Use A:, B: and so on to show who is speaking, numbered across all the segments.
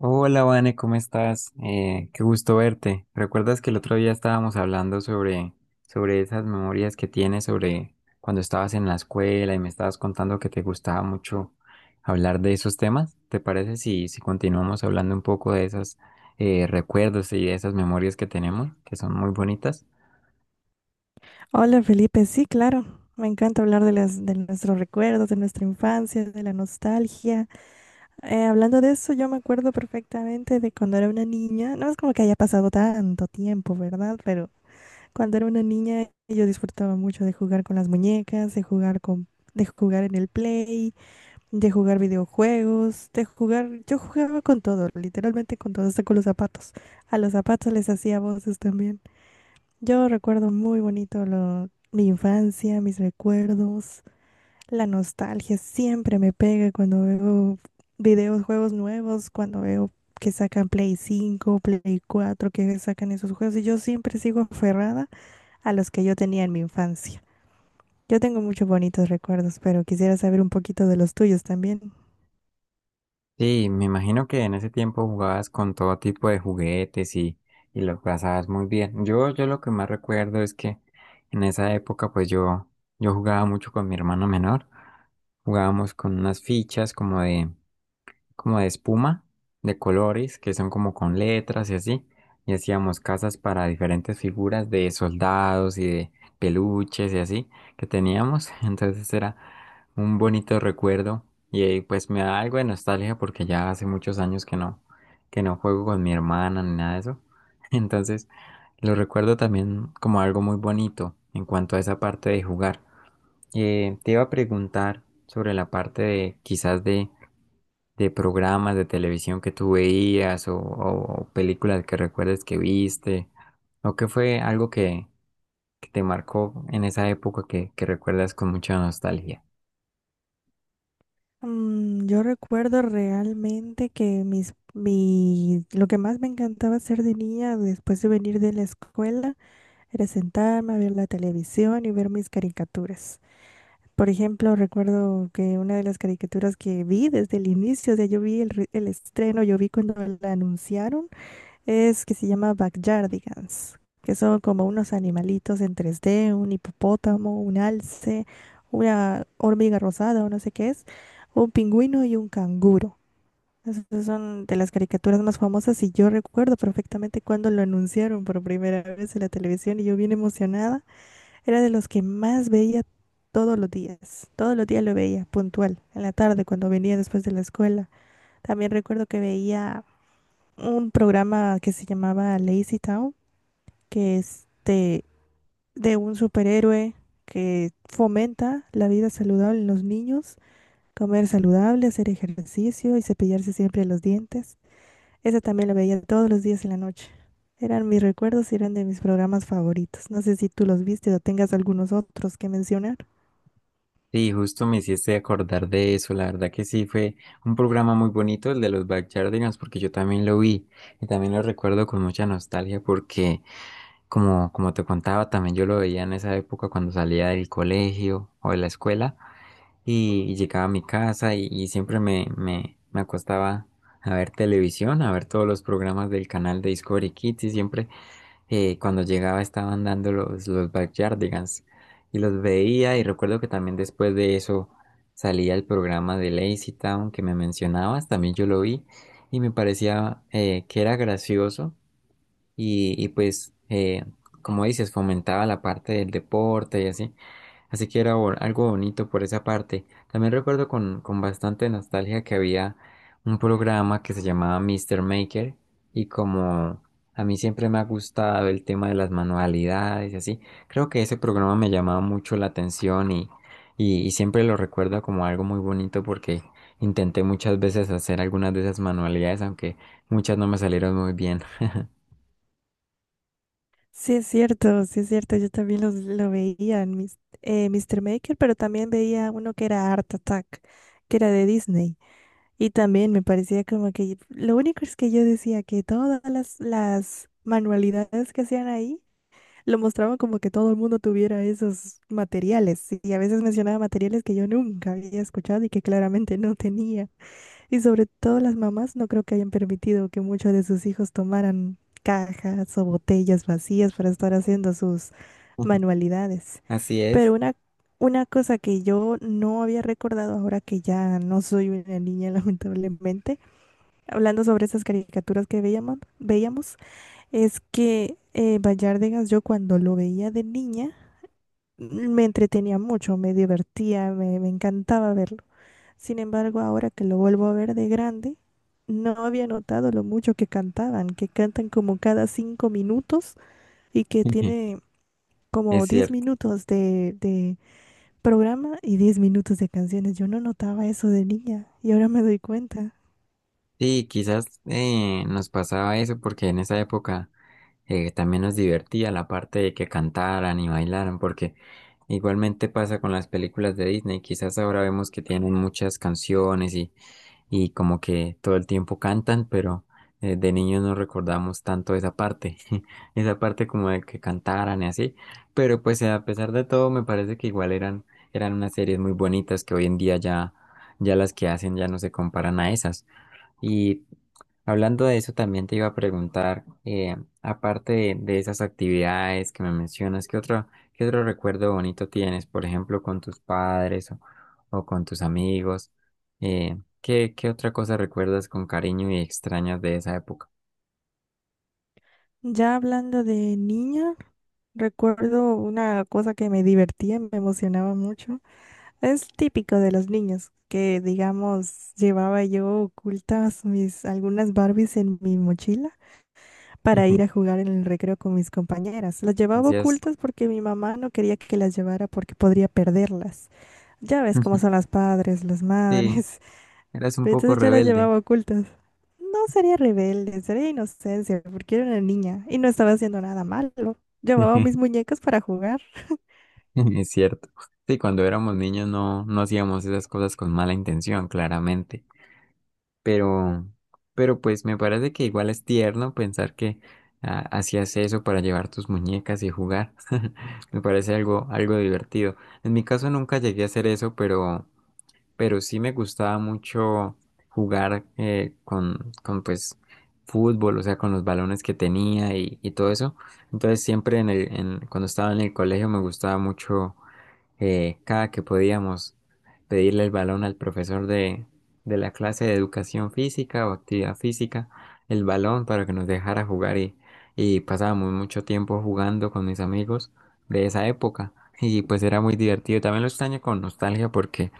A: Hola, Vane, ¿cómo estás? Qué gusto verte. ¿Recuerdas que el otro día estábamos hablando sobre esas memorias que tienes sobre cuando estabas en la escuela y me estabas contando que te gustaba mucho hablar de esos temas? ¿Te parece si continuamos hablando un poco de esos recuerdos y de esas memorias que tenemos, que son muy bonitas?
B: Hola Felipe, sí, claro. Me encanta hablar de las, de nuestros recuerdos, de nuestra infancia, de la nostalgia. Hablando de eso, yo me acuerdo perfectamente de cuando era una niña. No es como que haya pasado tanto tiempo, ¿verdad? Pero cuando era una niña yo disfrutaba mucho de jugar con las muñecas, de jugar con, de jugar en el play, de jugar videojuegos, de jugar. Yo jugaba con todo, literalmente con todo, hasta con los zapatos. A los zapatos les hacía voces también. Yo recuerdo muy bonito mi infancia, mis recuerdos, la nostalgia siempre me pega cuando veo videos, juegos nuevos, cuando veo que sacan Play 5, Play 4, que sacan esos juegos y yo siempre sigo aferrada a los que yo tenía en mi infancia. Yo tengo muchos bonitos recuerdos, pero quisiera saber un poquito de los tuyos también.
A: Sí, me imagino que en ese tiempo jugabas con todo tipo de juguetes y lo pasabas muy bien. Yo lo que más recuerdo es que en esa época pues yo jugaba mucho con mi hermano menor. Jugábamos con unas fichas como de espuma, de colores, que son como con letras y así. Y hacíamos casas para diferentes figuras de soldados y de peluches y así que teníamos. Entonces era un bonito recuerdo y pues me da algo de nostalgia porque ya hace muchos años que no juego con mi hermana ni nada de eso. Entonces lo recuerdo también como algo muy bonito en cuanto a esa parte de jugar. Te iba a preguntar sobre la parte de quizás de programas de televisión que tú veías o películas que recuerdes que viste o que fue algo que te marcó en esa época que recuerdas con mucha nostalgia.
B: Yo recuerdo realmente que lo que más me encantaba hacer de niña después de venir de la escuela era sentarme a ver la televisión y ver mis caricaturas. Por ejemplo, recuerdo que una de las caricaturas que vi desde el inicio, o sea, yo vi el, el estreno, yo vi cuando la anunciaron, es que se llama Backyardigans, que son como unos animalitos en 3D, un hipopótamo, un alce, una hormiga rosada o no sé qué es, un pingüino y un canguro. Esas son de las caricaturas más famosas y yo recuerdo perfectamente cuando lo anunciaron por primera vez en la televisión y yo bien emocionada era de los que más veía todos los días. Todos los días lo veía, puntual. En la tarde, cuando venía después de la escuela. También recuerdo que veía un programa que se llamaba Lazy Town, que es de un superhéroe que fomenta la vida saludable en los niños, comer saludable, hacer ejercicio y cepillarse siempre los dientes. Esa también la veía todos los días en la noche. Eran mis recuerdos y eran de mis programas favoritos. No sé si tú los viste o tengas algunos otros que mencionar.
A: Sí, justo me hiciste acordar de eso. La verdad que sí fue un programa muy bonito el de los Backyardigans porque yo también lo vi y también lo recuerdo con mucha nostalgia porque como te contaba también yo lo veía en esa época cuando salía del colegio o de la escuela y llegaba a mi casa y siempre me acostaba a ver televisión, a ver todos los programas del canal de Discovery Kids y siempre cuando llegaba estaban dando los Backyardigans y los veía y recuerdo que también después de eso salía el programa de Lazy Town que me mencionabas, también yo lo vi y me parecía que era gracioso y pues como dices fomentaba la parte del deporte y así. Así que era algo bonito por esa parte. También recuerdo con bastante nostalgia que había un programa que se llamaba Mr. Maker y como a mí siempre me ha gustado el tema de las manualidades y así, creo que ese programa me llamaba mucho la atención y siempre lo recuerdo como algo muy bonito porque intenté muchas veces hacer algunas de esas manualidades, aunque muchas no me salieron muy bien.
B: Sí, es cierto, sí es cierto. Yo también los, lo veía en mis, Mr. Maker, pero también veía uno que era Art Attack, que era de Disney. Y también me parecía como que lo único es que yo decía que todas las manualidades que hacían ahí lo mostraban como que todo el mundo tuviera esos materiales. Y a veces mencionaba materiales que yo nunca había escuchado y que claramente no tenía. Y sobre todo las mamás no creo que hayan permitido que muchos de sus hijos tomaran cajas o botellas vacías para estar haciendo sus manualidades.
A: Así
B: Pero
A: es,
B: una cosa que yo no había recordado ahora que ya no soy una niña, lamentablemente, hablando sobre esas caricaturas que veíamos, es que Bayárdegas, yo cuando lo veía de niña, me entretenía mucho, me divertía, me encantaba verlo. Sin embargo, ahora que lo vuelvo a ver de grande, no había notado lo mucho que cantaban, que cantan como cada 5 minutos y que tiene como
A: es
B: diez
A: cierto.
B: minutos de programa y 10 minutos de canciones. Yo no notaba eso de niña y ahora me doy cuenta.
A: Sí, quizás nos pasaba eso porque en esa época también nos divertía la parte de que cantaran y bailaran, porque igualmente pasa con las películas de Disney, quizás ahora vemos que tienen muchas canciones y como que todo el tiempo cantan, pero de niños no recordamos tanto esa parte, esa parte como de que cantaran y así, pero pues a pesar de todo me parece que igual eran unas series muy bonitas que hoy en día ya las que hacen ya no se comparan a esas. Y hablando de eso, también te iba a preguntar, aparte de esas actividades que me mencionas, ¿ qué otro recuerdo bonito tienes, por ejemplo, con tus padres o con tus amigos? ¿ qué otra cosa recuerdas con cariño y extrañas de esa época?
B: Ya hablando de niña, recuerdo una cosa que me divertía, me emocionaba mucho. Es típico de los niños que, digamos, llevaba yo ocultas mis algunas Barbies en mi mochila para ir a jugar en el recreo con mis compañeras. Las llevaba
A: Hacías,
B: ocultas porque mi mamá no quería que las llevara porque podría perderlas. Ya ves cómo son las padres, las
A: sí,
B: madres.
A: eras un
B: Pero
A: poco
B: entonces yo las
A: rebelde,
B: llevaba ocultas. No sería rebelde, sería inocencia, porque era una niña y no estaba haciendo nada malo. Llevaba mis muñecas para jugar.
A: es cierto. Sí, cuando éramos niños no hacíamos esas cosas con mala intención, claramente. pero, pero pues me parece que igual es tierno pensar que ah, hacías eso para llevar tus muñecas y jugar. Me parece algo divertido. En mi caso nunca llegué a hacer eso, pero sí me gustaba mucho jugar con pues fútbol, o sea, con los balones que tenía y todo eso. Entonces siempre cuando estaba en el colegio me gustaba mucho cada que podíamos pedirle el balón al profesor de la clase de educación física o actividad física, el balón para que nos dejara jugar y pasábamos mucho tiempo jugando con mis amigos de esa época y pues era muy divertido. También lo extraño con nostalgia porque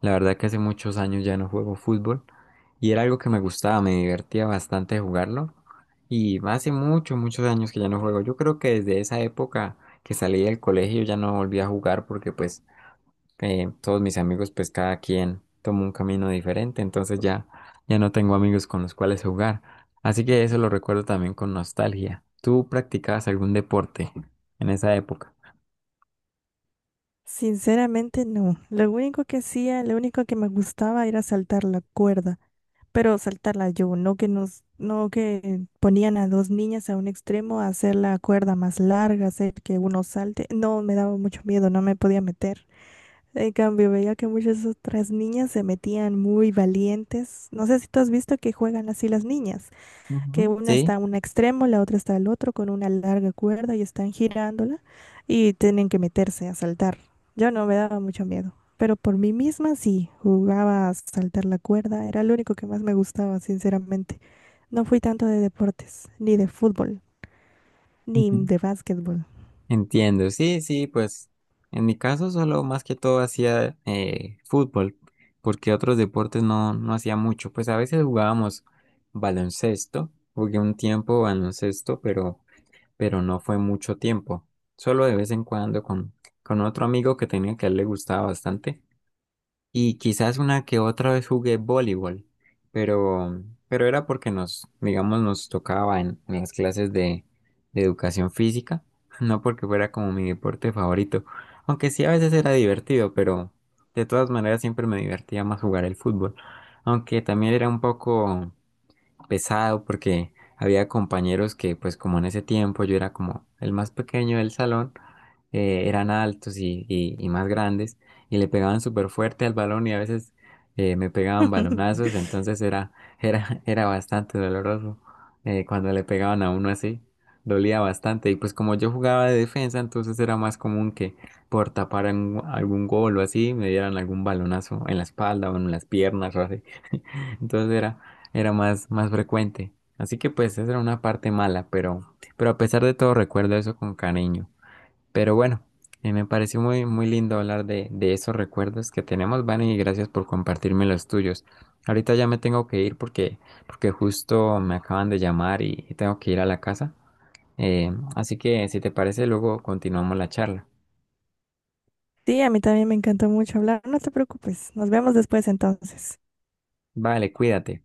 A: la verdad que hace muchos años ya no juego fútbol y era algo que me gustaba, me divertía bastante jugarlo. Y hace muchos años que ya no juego. Yo creo que desde esa época que salí del colegio ya no volví a jugar porque pues todos mis amigos, pues cada quien tomó un camino diferente, entonces ya no tengo amigos con los cuales jugar. Así que eso lo recuerdo también con nostalgia. ¿Tú practicabas algún deporte en esa época?
B: Sinceramente, no. Lo único que hacía, lo único que me gustaba era saltar la cuerda. Pero saltarla yo, no que ponían a dos niñas a un extremo a hacer la cuerda más larga, hacer que uno salte. No, me daba mucho miedo, no me podía meter. En cambio, veía que muchas otras niñas se metían muy valientes. No sé si tú has visto que juegan así las niñas que
A: Ujú,
B: una
A: sí,
B: está a un extremo, la otra está al otro con una larga cuerda y están girándola y tienen que meterse a saltar. Yo no me daba mucho miedo, pero por mí misma sí, jugaba a saltar la cuerda, era lo único que más me gustaba, sinceramente. No fui tanto de deportes, ni de fútbol, ni
A: ujú,
B: de básquetbol.
A: entiendo. Sí, pues en mi caso solo más que todo hacía fútbol, porque otros deportes no hacía mucho. Pues a veces jugábamos baloncesto, jugué un tiempo baloncesto, pero no fue mucho tiempo. Solo de vez en cuando con otro amigo que tenía que a él le gustaba bastante. Y quizás una que otra vez jugué voleibol, pero, pero era porque nos, digamos, nos tocaba en las clases de educación física, no porque fuera como mi deporte favorito. Aunque sí a veces era divertido, pero de todas maneras siempre me divertía más jugar el fútbol. Aunque también era un poco pesado porque había compañeros que, pues como en ese tiempo yo era como el más pequeño del salón, eran altos y más grandes y le pegaban súper fuerte al balón y a veces me pegaban balonazos, entonces era bastante doloroso cuando le pegaban a uno así, dolía bastante y pues como yo jugaba de defensa, entonces era más común que por tapar algún gol o así me dieran algún balonazo en la espalda o en las piernas o así. Entonces era más, más frecuente. Así que pues esa era una parte mala, pero a pesar de todo recuerdo eso con cariño. Pero bueno, me pareció muy, muy lindo hablar de esos recuerdos que tenemos, Vani, y gracias por compartirme los tuyos. Ahorita ya me tengo que ir porque justo me acaban de llamar y tengo que ir a la casa. Así que si te parece, luego continuamos la charla.
B: Sí, a mí también me encantó mucho hablar. No te preocupes, nos vemos después entonces.
A: Vale, cuídate.